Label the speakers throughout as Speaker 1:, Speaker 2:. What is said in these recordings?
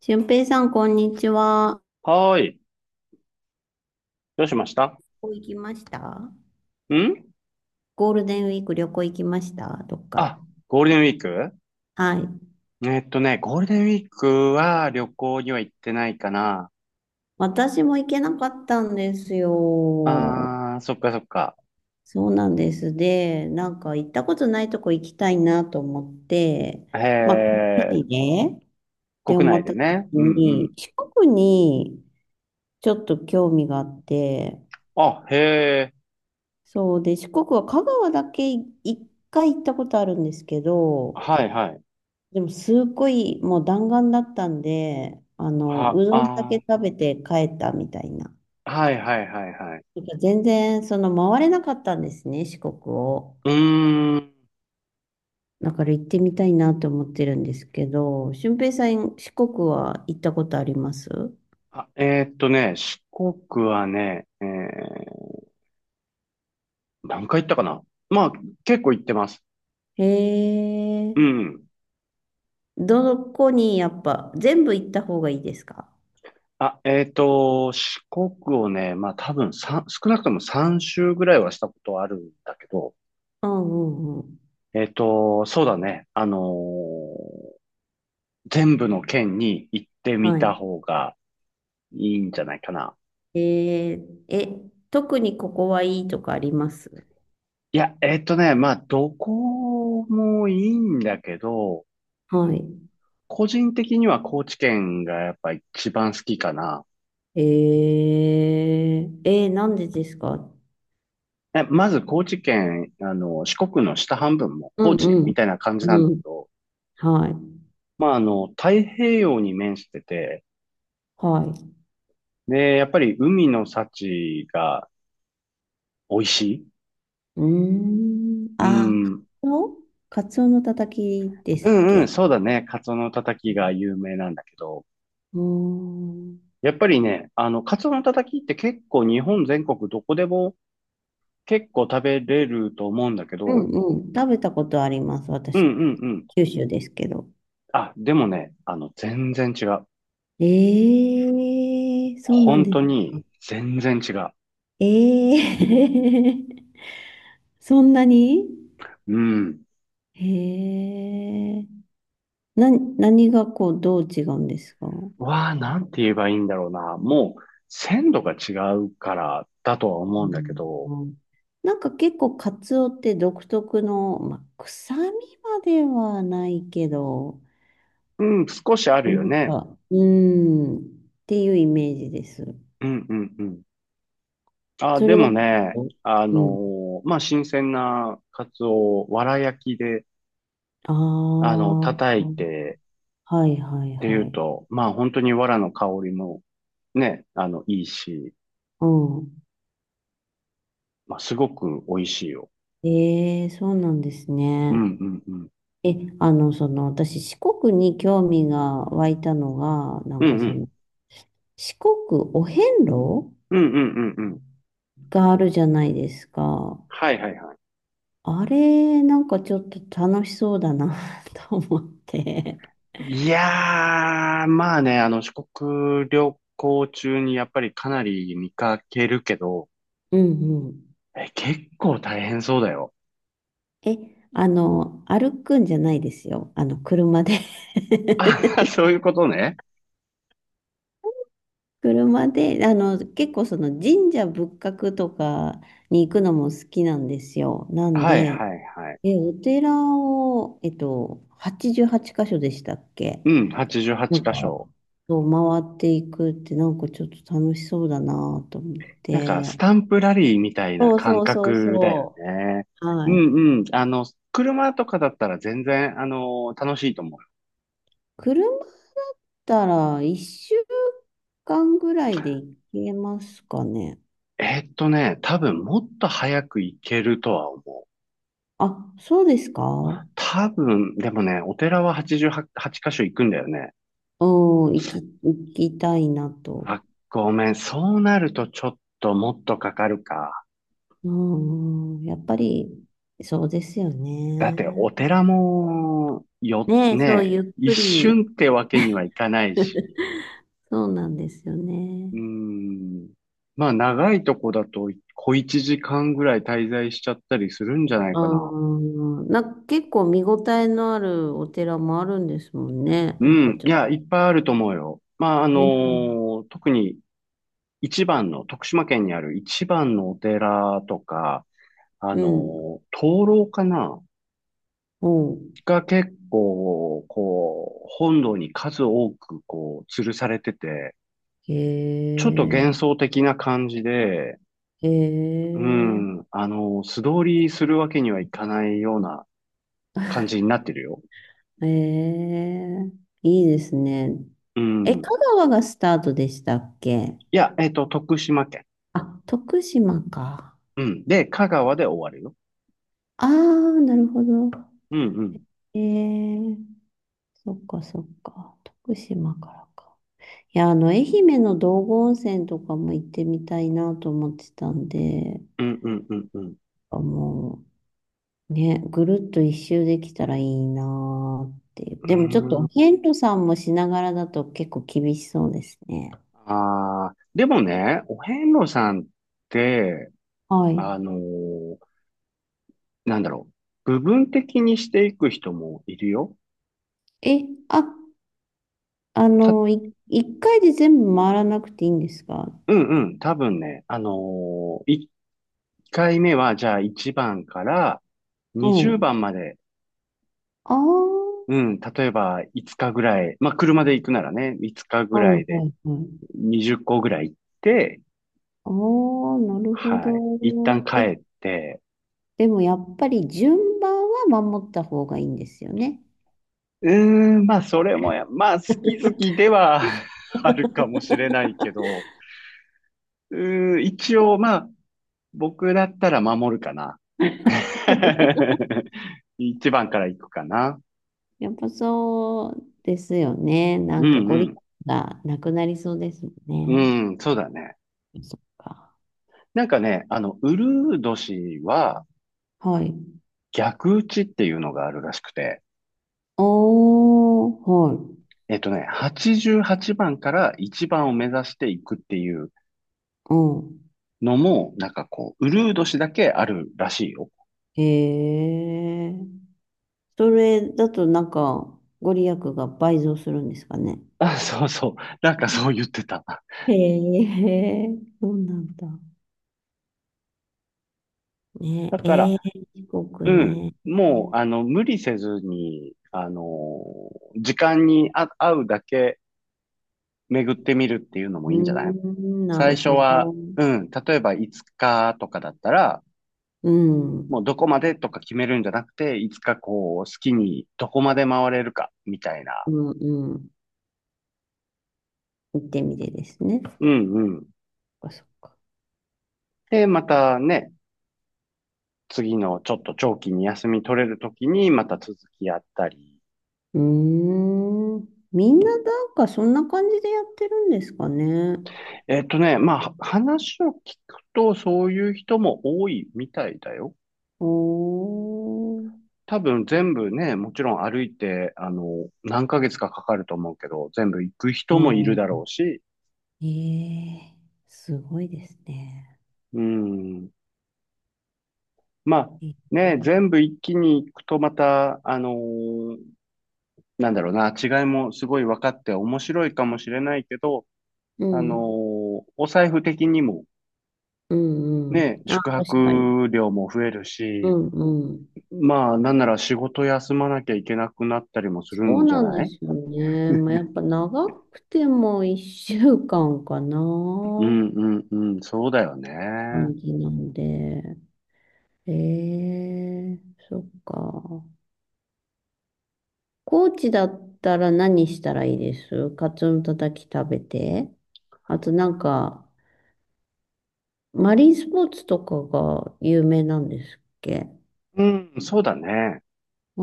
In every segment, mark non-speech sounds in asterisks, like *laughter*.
Speaker 1: 俊平さん、こんにちは。
Speaker 2: はーい。どうしましたん？
Speaker 1: 旅行行きました、ゴールデンウィーク旅行行きましたどっか。
Speaker 2: あ、ゴールデンウィーク。
Speaker 1: はい。
Speaker 2: ゴールデンウィークは旅行には行ってないかな。
Speaker 1: 私も行けなかったんですよ。
Speaker 2: あー、そっかそっか。
Speaker 1: そうなんです。で、なんか行ったことないとこ行きたいなと思って、
Speaker 2: へ
Speaker 1: まあ、国内でっ
Speaker 2: ー、
Speaker 1: て
Speaker 2: 国
Speaker 1: 思
Speaker 2: 内
Speaker 1: っ
Speaker 2: で
Speaker 1: た
Speaker 2: ね。
Speaker 1: 時
Speaker 2: うんう
Speaker 1: に、
Speaker 2: ん。
Speaker 1: 四国にちょっと興味があって、
Speaker 2: あ、へ
Speaker 1: そうで、四国は香川だけい一回行ったことあるんですけ
Speaker 2: ー、
Speaker 1: ど、
Speaker 2: はいはい。
Speaker 1: でも、すっごい、もう弾丸だったんで、うどんだけ
Speaker 2: あ
Speaker 1: 食べて帰ったみたいな。
Speaker 2: ー、はいはいはいはい。
Speaker 1: なんか全然、回れなかったんですね、四国を。
Speaker 2: うーん。
Speaker 1: だから行ってみたいなと思ってるんですけど、俊平さん、四国は行ったことあります？
Speaker 2: あ、四国はね、何回行ったかな。まあ、結構行ってます。
Speaker 1: へ
Speaker 2: う
Speaker 1: え。
Speaker 2: ん。
Speaker 1: どこにやっぱ、全部行った方がいいですか？
Speaker 2: あ、四国をね、まあ多分少なくとも3周ぐらいはしたことはあるんだけど、
Speaker 1: うんうんうん。
Speaker 2: そうだね。全部の県に行って
Speaker 1: は
Speaker 2: みた
Speaker 1: い。
Speaker 2: 方がいいんじゃないかな。
Speaker 1: えー、え、特にここはいいとかあります？
Speaker 2: いや、まあどこもいいんだけど、
Speaker 1: はい。
Speaker 2: 個人的には高知県がやっぱ一番好きかな。
Speaker 1: ええ、えーなんでですか？
Speaker 2: え、まず高知県、四国の下半分も
Speaker 1: う
Speaker 2: 高
Speaker 1: ん
Speaker 2: 知
Speaker 1: う
Speaker 2: み
Speaker 1: ん。
Speaker 2: たいな感じなんだ
Speaker 1: う
Speaker 2: け
Speaker 1: ん。
Speaker 2: ど、
Speaker 1: はい。
Speaker 2: まあ太平洋に面してて、
Speaker 1: はい。
Speaker 2: で、やっぱり海の幸が美味しい。
Speaker 1: うーん。
Speaker 2: う
Speaker 1: あー、カ
Speaker 2: ん。
Speaker 1: ツオ、カツオのたたきで
Speaker 2: う
Speaker 1: すっ
Speaker 2: んうん、
Speaker 1: け？
Speaker 2: そうだね。カツオのたたきが有名なんだけど。
Speaker 1: うーん。
Speaker 2: やっぱりね、カツオのたたきって結構日本全国どこでも結構食べれると思うんだけ
Speaker 1: う
Speaker 2: ど。
Speaker 1: んうん。食べたことあります。
Speaker 2: うんう
Speaker 1: 私、
Speaker 2: んうん。
Speaker 1: 九州ですけど。
Speaker 2: あ、でもね、全然違う。
Speaker 1: ええ、そうなん
Speaker 2: 本
Speaker 1: で
Speaker 2: 当
Speaker 1: すか。
Speaker 2: に全然違う。
Speaker 1: ええ *laughs* そんなに？
Speaker 2: うん。
Speaker 1: へえ。な、何がこう、どう違うんですか？
Speaker 2: わあ、なんて言えばいいんだろうな。もう、鮮度が違うからだとは
Speaker 1: う
Speaker 2: 思うんだけ
Speaker 1: ん
Speaker 2: ど。
Speaker 1: うん、なんか結構カツオって独特の、まあ、臭みまではないけど、
Speaker 2: うん、少しある
Speaker 1: な
Speaker 2: よ
Speaker 1: ん
Speaker 2: ね。
Speaker 1: か、ていうイメージです。
Speaker 2: うんうんうん。あ、
Speaker 1: そ
Speaker 2: で
Speaker 1: れが、
Speaker 2: もね、
Speaker 1: うん。
Speaker 2: まあ、新鮮なカツオをわら焼きで、
Speaker 1: ああ、
Speaker 2: 叩いて
Speaker 1: はいはい
Speaker 2: ってい
Speaker 1: は
Speaker 2: う
Speaker 1: い。
Speaker 2: と、まあ、本当にわらの香りもね、いいし、
Speaker 1: うん。
Speaker 2: まあ、すごく美味しいよ。
Speaker 1: ええ、そうなんです
Speaker 2: う
Speaker 1: ね。
Speaker 2: んうんうん。
Speaker 1: え、あの、その、私、四国に興味が湧いたのが、
Speaker 2: うんうん。
Speaker 1: 四国お遍路
Speaker 2: うんうんうんうん。
Speaker 1: があるじゃないですか。
Speaker 2: はいはいはい。
Speaker 1: あれ、なんかちょっと楽しそうだな *laughs* と思って。
Speaker 2: いやー、まあね、四国旅行中にやっぱりかなり見かけるけど、
Speaker 1: うんうん。
Speaker 2: え、結構大変そうだよ。
Speaker 1: え、あの、歩くんじゃないですよ。あの、車で *laughs*
Speaker 2: あ、*laughs* そういうことね。
Speaker 1: 車で、あの、結構その神社仏閣とかに行くのも好きなんですよ。なん
Speaker 2: はい
Speaker 1: で、
Speaker 2: はいはい。
Speaker 1: え、お寺を、88箇所でしたっけ？
Speaker 2: うん、
Speaker 1: なんか、
Speaker 2: 88箇所。
Speaker 1: そう回っていくってなんかちょっと楽しそうだなと思っ
Speaker 2: なんか、
Speaker 1: て。
Speaker 2: スタンプラリーみたいな
Speaker 1: そう
Speaker 2: 感
Speaker 1: そうそう
Speaker 2: 覚だよ
Speaker 1: そ
Speaker 2: ね。
Speaker 1: う。
Speaker 2: う
Speaker 1: はい。
Speaker 2: んうん。車とかだったら全然、楽しいと思うよ。
Speaker 1: 車だったら1週間ぐらいで行けますかね。
Speaker 2: 多分もっと早く行けるとは思う。
Speaker 1: あ、そうですか。うん、
Speaker 2: 多分、でもね、お寺は88箇所行くんだよね。
Speaker 1: 行きたいなと。
Speaker 2: あ、ごめん。そうなるとちょっともっとかかるか。
Speaker 1: うん、うんやっぱり、そうですよ
Speaker 2: だって、
Speaker 1: ね。
Speaker 2: お寺も、よ、
Speaker 1: ねえ、そう、
Speaker 2: ね、
Speaker 1: ゆっ
Speaker 2: 一
Speaker 1: くり、
Speaker 2: 瞬ってわけにはいかないし。
Speaker 1: そうなんですよね。
Speaker 2: うーん。まあ、長いとこだと、小一時間ぐらい滞在しちゃったりするんじゃないかな。
Speaker 1: うん、なんか結構見応えのあるお寺もあるんですもんね。
Speaker 2: う
Speaker 1: なんか
Speaker 2: ん。
Speaker 1: ちょ
Speaker 2: い
Speaker 1: っ
Speaker 2: や、いっぱいあると思うよ。まあ、
Speaker 1: とね。
Speaker 2: 特に一番の、徳島県にある一番のお寺とか、
Speaker 1: うん。うん。
Speaker 2: 灯籠かな
Speaker 1: おう、
Speaker 2: が結構、こう、本堂に数多く、こう、吊るされてて、
Speaker 1: へ
Speaker 2: ちょっと幻
Speaker 1: え、
Speaker 2: 想的な感じで、
Speaker 1: へ
Speaker 2: う
Speaker 1: え。
Speaker 2: ん、素通りするわけにはいかないような感じになってるよ。
Speaker 1: ええ、いいですね。
Speaker 2: う
Speaker 1: え、
Speaker 2: ん。い
Speaker 1: 香川がスタートでしたっけ？
Speaker 2: や、徳島県。
Speaker 1: あ、徳島か。
Speaker 2: うん。で、香川で終わるよ。
Speaker 1: ああ、なるほど。
Speaker 2: うんうん。
Speaker 1: ええ、そっかそっか。徳島からか。いや、あの、愛媛の道後温泉とかも行ってみたいなと思ってたんで、
Speaker 2: うんうんうんう
Speaker 1: あもう、ね、ぐるっと一周できたらいいなーっていう。でもちょっ
Speaker 2: ん。
Speaker 1: と、
Speaker 2: うーん。
Speaker 1: ントさんもしながらだと結構厳しそうですね。
Speaker 2: ああ、でもね、お遍路さんって、
Speaker 1: は
Speaker 2: あ
Speaker 1: い。
Speaker 2: のーなんだろう。部分的にしていく人もいるよ。
Speaker 1: え、あ、あ
Speaker 2: た、
Speaker 1: の、一回で全部回らなくていいんですか？
Speaker 2: うんうん。多分ね、1回目は、じゃあ1番から
Speaker 1: う
Speaker 2: 20
Speaker 1: ん。
Speaker 2: 番まで、
Speaker 1: ああ、は
Speaker 2: うん、例えば5日ぐらい、まあ、車で行くならね、5日
Speaker 1: い
Speaker 2: ぐら
Speaker 1: は
Speaker 2: い
Speaker 1: い
Speaker 2: で
Speaker 1: はい。
Speaker 2: 20個ぐらい行って、
Speaker 1: ああ、なるほ
Speaker 2: は
Speaker 1: ど。
Speaker 2: い。一旦
Speaker 1: え、
Speaker 2: 帰って、
Speaker 1: でもやっぱり順番は守った方がいいんですよね。
Speaker 2: うーん、まあ、それもや、まあ、好き好きでは *laughs* あるかもしれないけど、うーん、一応、まあ、僕だったら守るかな。*laughs* 一番から行くかな。
Speaker 1: やっぱそうですよね。
Speaker 2: う
Speaker 1: なんか
Speaker 2: んう
Speaker 1: ゴリ
Speaker 2: ん。
Speaker 1: ラがなくなりそうですもん
Speaker 2: う
Speaker 1: ね。
Speaker 2: ん、そうだね。
Speaker 1: そっか。
Speaker 2: なんかね、ウルー年は
Speaker 1: はい。
Speaker 2: 逆打ちっていうのがあるらしくて、
Speaker 1: おー、はい。
Speaker 2: 88番から一番を目指していくっていう
Speaker 1: うん。
Speaker 2: のも、なんかこう、ウルードしだけあるらしいよ。
Speaker 1: へえ。それだとなんかご利益が倍増するんですかね。
Speaker 2: あ、そうそう。なんかそう言ってた。
Speaker 1: へえ、そうなんだ。ね、
Speaker 2: だから、
Speaker 1: ええ、四国
Speaker 2: うん。
Speaker 1: ね。う
Speaker 2: もう、無理せずに、時間に合うだけ巡ってみるっていうのも
Speaker 1: ー
Speaker 2: いいんじゃない？
Speaker 1: ん、な
Speaker 2: 最
Speaker 1: る
Speaker 2: 初
Speaker 1: ほ
Speaker 2: は、
Speaker 1: ど。
Speaker 2: うん。例えば5日とかだったら、
Speaker 1: うん、
Speaker 2: もうどこまでとか決めるんじゃなくて、いつかこう、好きにどこまで回れるか、みたいな。
Speaker 1: うん、うん。行ってみてですね。そっ
Speaker 2: うんうん。
Speaker 1: か、そっか。
Speaker 2: で、またね、次のちょっと長期に休み取れるときにまた続きやったり。
Speaker 1: うーん。みんななんかそんな感じでやってるんですかね。
Speaker 2: まあ、話を聞くとそういう人も多いみたいだよ。
Speaker 1: おー。
Speaker 2: 多分全部ね、もちろん歩いて、何ヶ月かかかると思うけど、全部行く
Speaker 1: う
Speaker 2: 人もいるだ
Speaker 1: ん。
Speaker 2: ろうし、
Speaker 1: ええ、すごいですね。
Speaker 2: うん。まあ、
Speaker 1: ええ、
Speaker 2: ね、全部一気に行くとまた、なんだろうな、違いもすごい分かって面白いかもしれないけど、
Speaker 1: うん、
Speaker 2: お財布的にも
Speaker 1: うん、う
Speaker 2: ね、
Speaker 1: ん。あ、
Speaker 2: 宿
Speaker 1: 確かに。
Speaker 2: 泊料も増える
Speaker 1: う
Speaker 2: し、
Speaker 1: ん、うん。
Speaker 2: まあ、なんなら仕事休まなきゃいけなくなったりもする
Speaker 1: そう
Speaker 2: んじゃ
Speaker 1: なん
Speaker 2: な
Speaker 1: で
Speaker 2: い？
Speaker 1: すよね。まあ、やっぱ長くても1週間かんかな。
Speaker 2: うんうんうん、そうだよね。
Speaker 1: 感じなんで。えー、そっか。高知だったら何したらいいです？カツオのたたき食べて。あとなんか、マリンスポーツとかが有名なんですっけ？
Speaker 2: うん、そうだね。
Speaker 1: う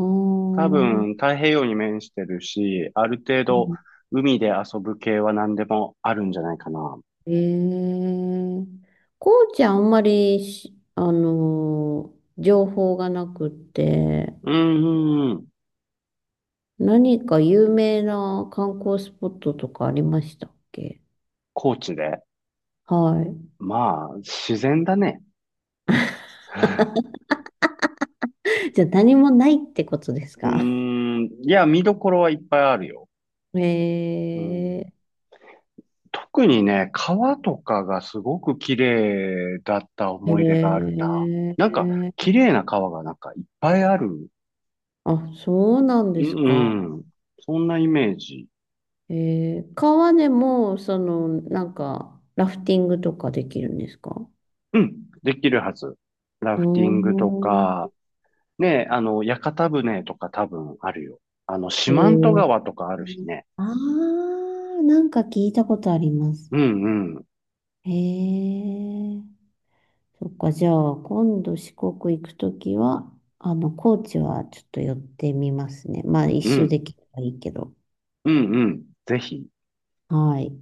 Speaker 2: 多
Speaker 1: ーん。
Speaker 2: 分、太平洋に面してるし、ある程度、海で遊ぶ系は何でもあるんじゃないかな。
Speaker 1: えー、高知あんまりし、あのー情報がなくて、
Speaker 2: うんうんうん、
Speaker 1: 何か有名な観光スポットとかありましたっけ？
Speaker 2: 高知で。
Speaker 1: はい。
Speaker 2: まあ、自然だね。
Speaker 1: じゃあ何もないってことです
Speaker 2: う
Speaker 1: か？
Speaker 2: ん、いや、見どころはいっぱいあるよ。
Speaker 1: *laughs* へ
Speaker 2: うん。
Speaker 1: え、
Speaker 2: 特にね、川とかがすごく綺麗だった
Speaker 1: へ
Speaker 2: 思い出があるな。なんか、綺
Speaker 1: え、
Speaker 2: 麗な川がなんかいっぱいある。
Speaker 1: あ、そうなん
Speaker 2: う
Speaker 1: ですか。
Speaker 2: ん、うん、そんなイメージ。
Speaker 1: へー。川でも、その、なんか、ラフティングとかできるんですか？
Speaker 2: うん、できるはず。ラフティ
Speaker 1: お
Speaker 2: ングと
Speaker 1: ー、
Speaker 2: か、ね、屋形船とか多分あるよ。四
Speaker 1: へ
Speaker 2: 万十
Speaker 1: ー。
Speaker 2: 川とかあるしね。
Speaker 1: あー、なんか聞いたことあります。
Speaker 2: うん、うん、
Speaker 1: へえ。そっか、じゃあ、今度四国行くときは、あの、高知はちょっと寄ってみますね。まあ、一
Speaker 2: う
Speaker 1: 周で
Speaker 2: ん、
Speaker 1: きればいいけど。
Speaker 2: うん、うん。ぜひ。
Speaker 1: はい。